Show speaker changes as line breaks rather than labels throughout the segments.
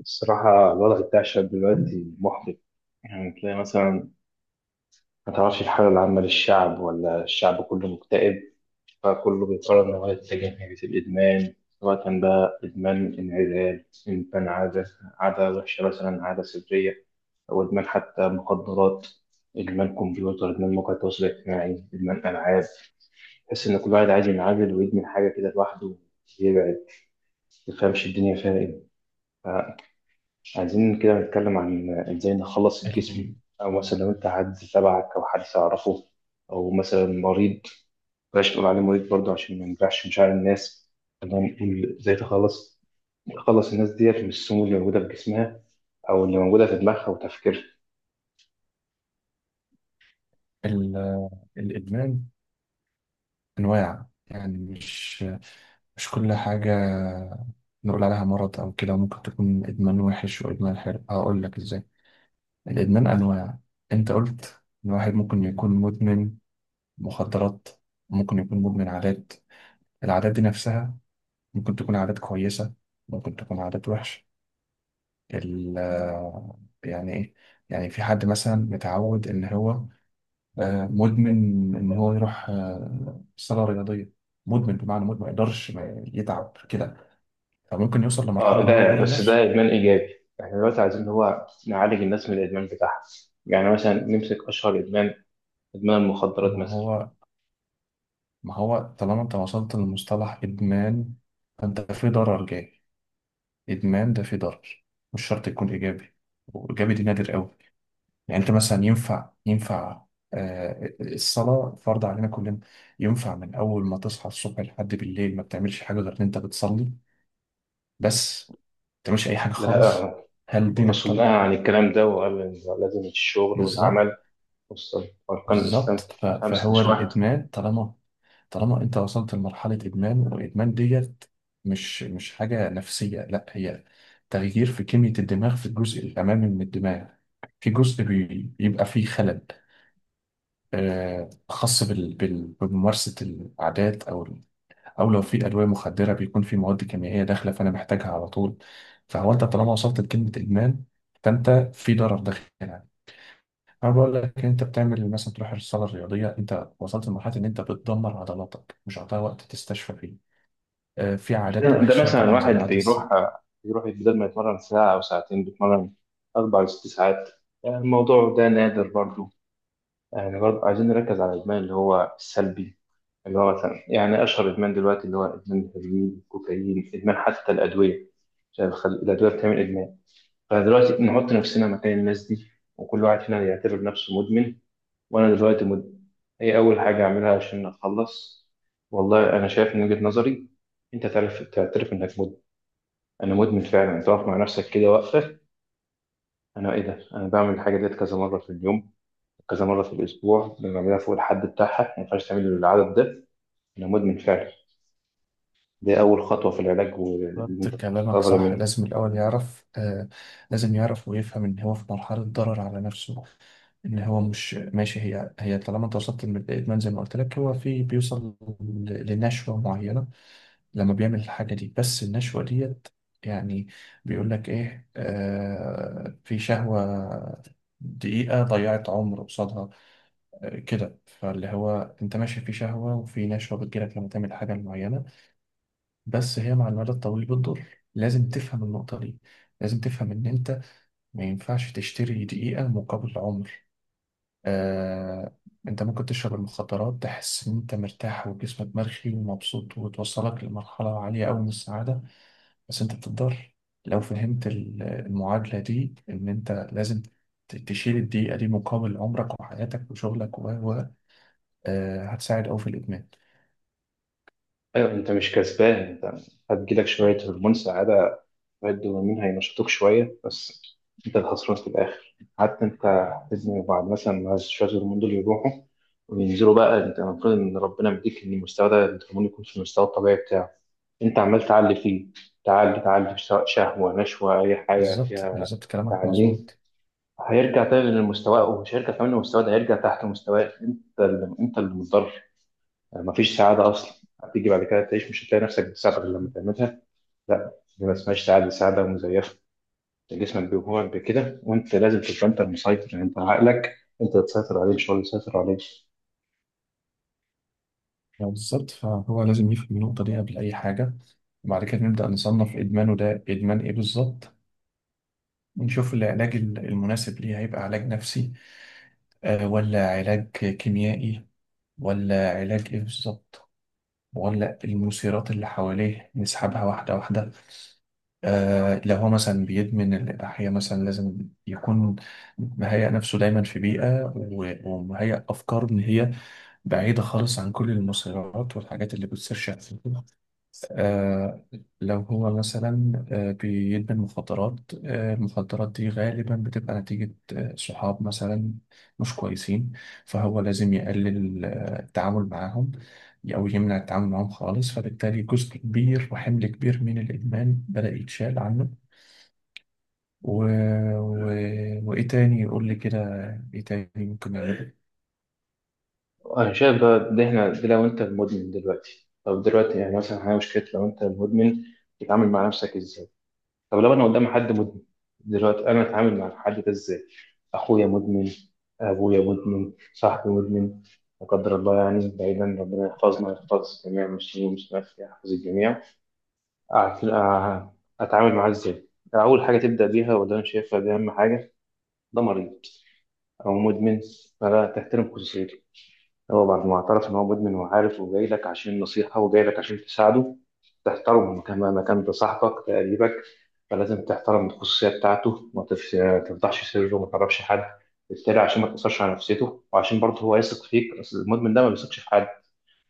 الصراحة الوضع بتاع الشعب دلوقتي محبط. يعني تلاقي مثلا، ما تعرفش الحالة العامة للشعب ولا الشعب كله مكتئب. فكله بيقرر إن هو يتجه ناحية الإدمان، سواء بقى إدمان انعزال، إدمان عادة، عادة وحشة مثلا، عادة سرية، أو إدمان حتى مخدرات، إدمان كمبيوتر، إدمان مواقع التواصل الاجتماعي، إدمان ألعاب. تحس إن كل واحد عايز ينعزل ويدمن حاجة كده لوحده ويبعد. ما تفهمش الدنيا فيها إيه. عايزين كده نتكلم عن ازاي نخلص الجسم،
ال-
او مثلا لو انت حد تبعك او حد تعرفه، او مثلا مريض. بلاش نقول عليه مريض برضه عشان ما نجرحش مشاعر الناس. خلينا نقول ازاي تخلص الناس ديت من السموم اللي موجوده في جسمها او اللي موجوده في دماغها وتفكيرها.
ال- الإدمان أنواع، يعني مش كل حاجة نقول عليها مرض أو كده. ممكن تكون إدمان وحش وإدمان حلو، هقول لك إزاي. الإدمان أنواع، أنت قلت إن واحد ممكن يكون مدمن مخدرات، ممكن يكون مدمن عادات. العادات دي نفسها ممكن تكون عادات كويسة، ممكن تكون عادات وحشة. ال يعني إيه؟ يعني في حد مثلا متعود إن هو مدمن، ان هو يروح صاله رياضيه، مدمن بمعنى مدمن ما يقدرش ما يتعب كده، فممكن يوصل
اه
لمرحله ان هو
ده
يضر
بس،
نفسه.
ده ادمان ايجابي. احنا دلوقتي عايزين اللي هو نعالج الناس من الادمان بتاعها. يعني مثلا نمسك اشهر ادمان، ادمان المخدرات
ما
مثلا.
هو ما هو طالما انت وصلت لمصطلح ادمان فانت في ضرر جاي. ادمان ده في ضرر، مش شرط يكون ايجابي، وايجابي دي نادر قوي. يعني انت مثلا ينفع الصلاه فرض علينا كلنا، ينفع من اول ما تصحى الصبح لحد بالليل ما بتعملش حاجه غير ان انت بتصلي بس؟ ما تعملش اي حاجه
لا
خالص؟ هل دينك
الرسول نهى
طلب؟
عن الكلام ده وقال إن لازم الشغل
بالظبط.
والعمل. بص، أركان
بالظبط،
الإسلام كتير، خمسة
فهو
مش واحد.
الادمان، طالما طالما انت وصلت لمرحله ادمان، والادمان ديت مش حاجه نفسيه، لا هي تغيير في كميه الدماغ، في الجزء الامامي من الدماغ، في جزء بيبقى فيه خلل، خاص بممارسه العادات. او او لو في ادويه مخدره بيكون في مواد كيميائيه داخله فانا محتاجها على طول. فهو انت طالما وصلت لكلمه ادمان فانت في ضرر داخلها. انا بقول لك انت بتعمل مثلا تروح الصاله الرياضيه، انت وصلت لمرحله ان انت بتدمر عضلاتك، مش هتعطيها وقت تستشفى فيه. آه، في عادات
ده
وحشه
مثلا
طبعا زي
واحد بيروح
العدسه.
بيروح بدل ما يتمرن ساعة أو ساعتين بيتمرن أربع لست ساعات. يعني الموضوع ده نادر برضو. يعني برضو عايزين نركز على الإدمان اللي هو السلبي، اللي هو مثلا يعني أشهر إدمان دلوقتي اللي هو إدمان الهيروين، الكوكايين، إدمان حتى الأدوية. عشان الأدوية بتعمل إدمان. فدلوقتي نحط نفسنا مكان الناس دي، وكل واحد فينا يعتبر نفسه مدمن. وانا دلوقتي ايه اول حاجه اعملها عشان اتخلص؟ والله انا شايف من وجهه نظري، انت تعرف تعترف انك مدمن. انا مدمن فعلا، تقف مع نفسك كده واقفه. انا ايه ده، انا بعمل الحاجه ديت كذا مره في اليوم، كذا مره في الاسبوع، أنا بعملها فوق الحد بتاعها، ما ينفعش تعمل العدد ده. انا مدمن فعلا. دي اول خطوه في العلاج، واللي
بالظبط،
انت
كلامك
تتكبر
صح،
منه.
لازم الاول يعرف. آه، لازم يعرف ويفهم ان هو في مرحله ضرر على نفسه، ان هو مش ماشي هي هي. طالما انت وصلت للادمان زي ما قلت لك، هو في بيوصل لنشوه معينه لما بيعمل الحاجة دي، بس النشوة ديت، يعني، بيقول لك إيه، آه، في شهوة، دقيقة ضيعت عمر قصادها. آه كده، فاللي هو أنت ماشي في شهوة وفي نشوة بتجيلك لما تعمل حاجة معينة، بس هي مع المدى الطويل بتضر. لازم تفهم النقطة دي، لازم تفهم إن أنت ما ينفعش تشتري دقيقة مقابل عمر. آه. أنت ممكن تشرب المخدرات، تحس إن أنت مرتاح وجسمك مرخي ومبسوط، وتوصلك لمرحلة عالية أوي من السعادة، بس انت بتقدر، لو فهمت المعادلة دي ان انت لازم تشيل الدقيقة دي مقابل عمرك وحياتك وشغلك و آه، هتساعد أوي في الإدمان.
ايوه، انت مش كسبان. انت هتجيلك شويه هرمون سعاده، شوية دوبامين هينشطوك شوية بس. أنت الخسران في الآخر. حتى أنت لازم بعد مثلا ما شوية الهرمون دول يروحوا وينزلوا بقى، أنت المفروض إن ربنا مديك إن المستوى ده، الهرمون يكون في المستوى الطبيعي بتاعه. أنت عمال تعلي فيه، تعلي تعلي سواء شهوة نشوة أي حاجة
بالظبط،
فيها.
بالظبط، كلامك
تعليه
مظبوط.
هيرجع تاني لمستواه، ومش هيرجع كمان لمستواه، ده هيرجع تحت مستواك، أنت اللي متضرر. يعني مفيش سعادة أصلا. هتيجي بعد كده تعيش مش هتلاقي نفسك بتساعدك غير لما تعملها. لا، دي ما اسمهاش سعادة، سعادة مزيفة. جسمك بيجوعك بكده، وانت لازم تبقى انت المسيطر، يعني انت عقلك، انت اللي تسيطر عليه مش هو اللي يسيطر عليك.
يعني بالظبط، فهو لازم يفهم النقطة دي قبل أي حاجة، وبعد كده نبدأ نصنف إدمانه ده إدمان إيه بالظبط، ونشوف العلاج المناسب ليه، هيبقى علاج نفسي، آه، ولا علاج كيميائي، ولا علاج إيه بالظبط، ولا المثيرات اللي حواليه نسحبها واحدة واحدة. آه، لو هو مثلا بيدمن الإباحية مثلا، لازم يكون مهيأ نفسه دايما في بيئة ومهيأ أفكار إن هي بعيدة خالص عن كل المسيرات والحاجات اللي بتصير شخصيا. آه، لو هو مثلا آه بيدمن مخدرات، آه المخدرات دي غالبا بتبقى نتيجة آه صحاب مثلا مش كويسين، فهو لازم يقلل التعامل معاهم أو يمنع التعامل معاهم خالص، فبالتالي جزء كبير وحمل كبير من الإدمان بدأ يتشال عنه. و... و... وايه تاني قول لي كده، ايه تاني ممكن نعمله؟
انا شايف بقى ده، احنا ده لو انت المدمن دلوقتي، طب دلوقتي يعني مثلا احنا مشكله لو انت المدمن، تتعامل مع نفسك ازاي؟ طب لو انا قدام حد مدمن دلوقتي، انا اتعامل مع الحد ده ازاي؟ اخويا مدمن، ابويا مدمن، صاحبي مدمن، لا قدر الله، يعني بعيدا، ربنا يحفظنا ويحفظ الجميع المسلمين والمسلمات، يحفظ الجميع. أعت- آه، أتعامل معاه إزاي؟ أول حاجة تبدأ بيها، وده أنا شايفها دي أهم حاجة، ده مريض أو مدمن، فلا تحترم خصوصيته. هو بعد ما اعترف إن هو مدمن وعارف وجاي لك عشان نصيحة وجاي لك عشان تساعده، تحترمه كما ما كان، ده صاحبك ده قريبك. فلازم تحترم الخصوصية بتاعته، ما تفش- تفضحش سره وما تعرفش حد. بالتالي عشان ما تأثرش على نفسيته، وعشان برضه هو يثق فيك، أصل المدمن ده ما بيثقش في حد.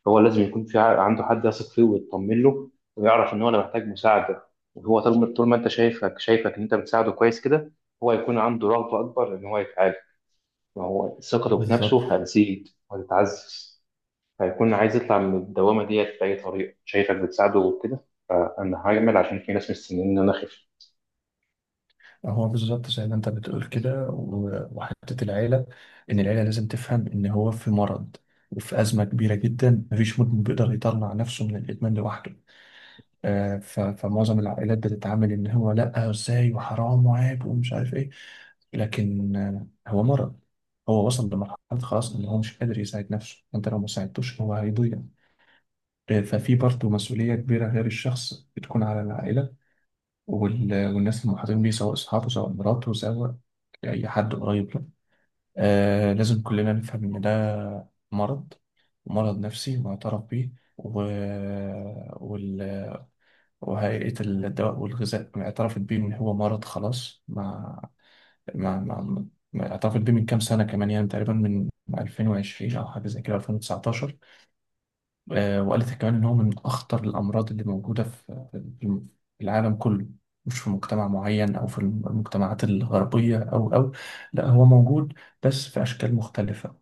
هو لازم يكون في عنده حد يثق فيه ويطمن له. ويعرف ان هو، انا محتاج مساعده. وهو طول ما انت شايفك ان انت بتساعده كويس كده، هو هيكون عنده رغبه اكبر ان هو يتعالج. ما هو ثقته في
بالظبط،
نفسه هتزيد وهتتعزز. هيكون عايز يطلع من الدوامه ديت باي طريقه، شايفك بتساعده وكده. فانا هعمل عشان في ناس مستنيين ان انا اخف.
هو بالظبط زي ما انت بتقول كده، وحتة العيلة، ان العيلة لازم تفهم ان هو في مرض، وفي أزمة كبيرة جدا. مفيش مدمن بيقدر يطلع نفسه من الإدمان لوحده. آه، فمعظم العائلات بتتعامل ان هو لا، ازاي، وحرام وعيب ومش عارف ايه، لكن آه، هو مرض، هو وصل لمرحلة خلاص ان هو مش قادر يساعد نفسه. انت لو ما ساعدتوش هو هيضيع. ففي برضه مسؤولية كبيرة غير الشخص بتكون على العائلة والناس المحاطين بيه، سواء أصحابه، سواء مراته، سواء أي حد قريب له. آه، لازم كلنا نفهم إن ده مرض، مرض نفسي معترف بيه. و... وال... وهيئة الدواء والغذاء اعترفت بيه إن هو مرض خلاص. مع مع اعترفت بيه من كام سنة كمان، يعني تقريبا من 2020 أو حاجة زي كده، 2019. آه، وقالت كمان إن هو من أخطر الأمراض اللي موجودة في العالم كله، مش في مجتمع معين أو في المجتمعات الغربية أو، لا هو موجود بس في أشكال مختلفة.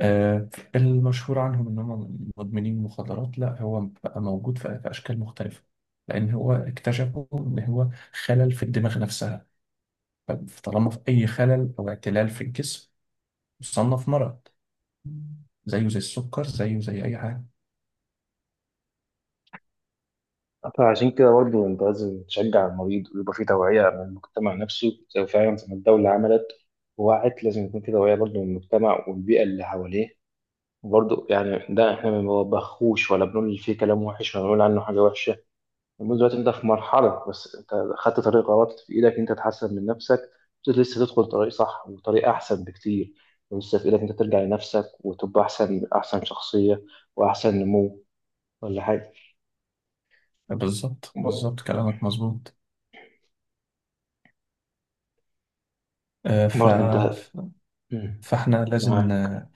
آه، المشهور عنهم إن هم مدمنين مخدرات، لا، هو بقى موجود في أشكال مختلفة، لأن هو اكتشفوا إن هو خلل في الدماغ نفسها. فطالما في أي خلل أو اعتلال في الجسم يصنف مرض، زيه زي السكر، زيه زي أي حاجة.
فعشان كده برضه انت لازم تشجع المريض، ويبقى في توعيه من المجتمع نفسه زي فعلا زي ما الدوله عملت ووعت. لازم يكون في توعيه برضه من المجتمع والبيئه اللي حواليه. برضه يعني ده احنا ما بنوبخوش ولا بنقول فيه كلام وحش ولا بنقول عنه حاجه وحشه. المهم دلوقتي انت في مرحله، بس انت خدت طريق غلط، في ايدك انت تحسن من نفسك. بس لسه تدخل طريق صح وطريق احسن بكتير. ولسه في ايدك انت ترجع لنفسك وتبقى احسن، احسن شخصيه واحسن نمو، ولا حاجه.
بالظبط، بالظبط، كلامك مظبوط. آه، ف...
برضه انت، مم.
فاحنا لازم
معاك.
ن-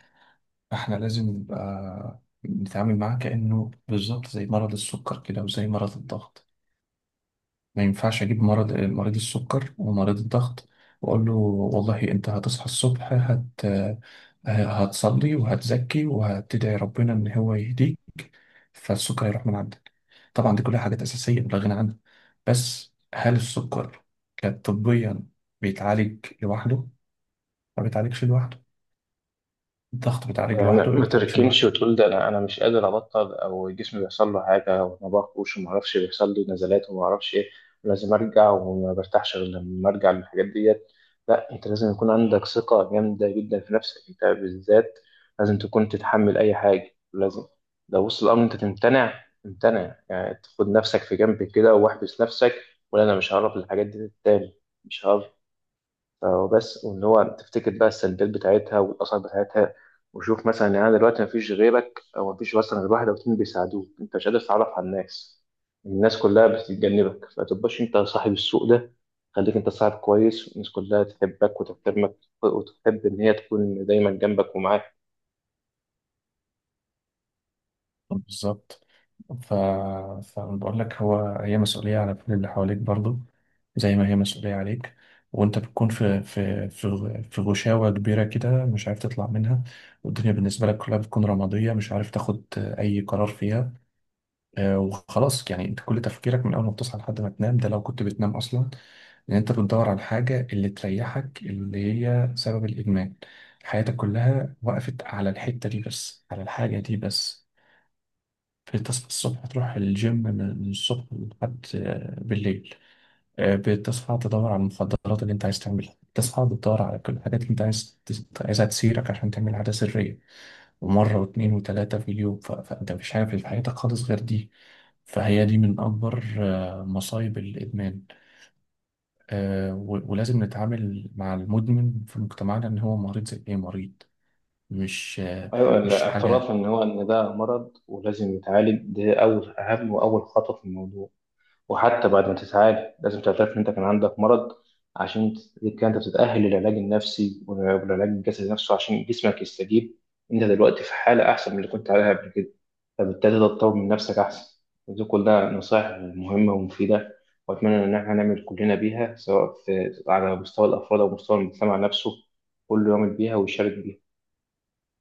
احنا لازم نبقى نتعامل معاه كأنه بالظبط زي مرض السكر كده وزي مرض الضغط. ما ينفعش اجيب مرض مريض السكر ومريض الضغط واقول له والله انت هتصحى الصبح هتصلي وهتزكي وهتدعي ربنا ان هو يهديك فالسكر يروح من عندك. طبعا دي كلها حاجات اساسيه لا غنى عنها، بس هل السكر كطبيا بيتعالج لوحده؟ ما بيتعالجش لوحده. الضغط بيتعالج
يعني
لوحده؟ ما
ما
بيتعالجش
تركنش
لوحده.
وتقول ده، انا مش قادر ابطل، او جسمي بيحصل له حاجه، وما باكلش وما اعرفش بيحصل لي نزلات وما اعرفش ايه، ولازم ارجع، وما برتاحش غير لما ارجع للحاجات ديت. لا، انت لازم يكون عندك ثقه جامده جدا في نفسك انت بالذات. لازم تكون تتحمل اي حاجه، لازم لو وصل الامر انت تمتنع، تمتنع يعني تاخد نفسك في جنب كده واحبس نفسك. ولا، انا مش هعرف الحاجات دي تاني، مش هعرف. وبس، وان هو تفتكر بقى السلبيات بتاعتها والاثار بتاعتها. وشوف مثلا يعني أنا دلوقتي مفيش غيرك، او مفيش مثلا غير واحد او اتنين بيساعدوك، انت مش قادر تتعرف على الناس، الناس كلها بتتجنبك، فتبقاش انت صاحب السوق ده. خليك انت صاحب كويس والناس كلها تحبك وتحترمك، وتحب ان هي تكون دايما جنبك ومعاك.
بالظبط. ف... فأنا بقول لك هو هي مسؤولية على كل اللي حواليك برضو زي ما هي مسؤولية عليك. وأنت بتكون في غشاوة كبيرة كده مش عارف تطلع منها، والدنيا بالنسبة لك كلها بتكون رمادية، مش عارف تاخد أي قرار فيها. آه، وخلاص يعني انت كل تفكيرك من اول ما بتصحى لحد ما تنام، ده لو كنت بتنام اصلا، ان انت بتدور على الحاجه اللي تريحك، اللي هي سبب الادمان. حياتك كلها وقفت على الحته دي بس، على الحاجه دي بس. فتصحى الصبح تروح الجيم من الصبح لحد آه، بالليل، آه، بتصحى تدور على المخدرات اللي انت عايز تعملها، بتصحى بتدور على كل الحاجات اللي انت عايزها تسيرك عشان تعمل عادة سرية، ومرة واتنين وتلاتة في اليوم. فانت مش عارف في حياتك خالص غير دي. فهي دي من أكبر آه، مصايب الإدمان. آه، ولازم نتعامل مع المدمن في مجتمعنا إن هو مريض زي أي مريض، مش آه،
ايوه،
مش
الاعتراف
حاجة
ان هو، ان ده مرض ولازم يتعالج، ده اول اهم واول خطوه في الموضوع. وحتى بعد ما تتعالج لازم تعترف إن أنت كان عندك مرض، عشان تبقى أنت بتتأهل للعلاج النفسي والعلاج الجسدي نفسه عشان جسمك يستجيب. أنت دلوقتي في حالة أحسن من اللي كنت عليها قبل كده، فبالتالي تطور من نفسك أحسن. ودي كلها نصائح مهمة ومفيدة، وأتمنى إن إحنا نعمل كلنا بيها سواء في على مستوى الأفراد أو مستوى المجتمع نفسه، كله يعمل بيها ويشارك بيها.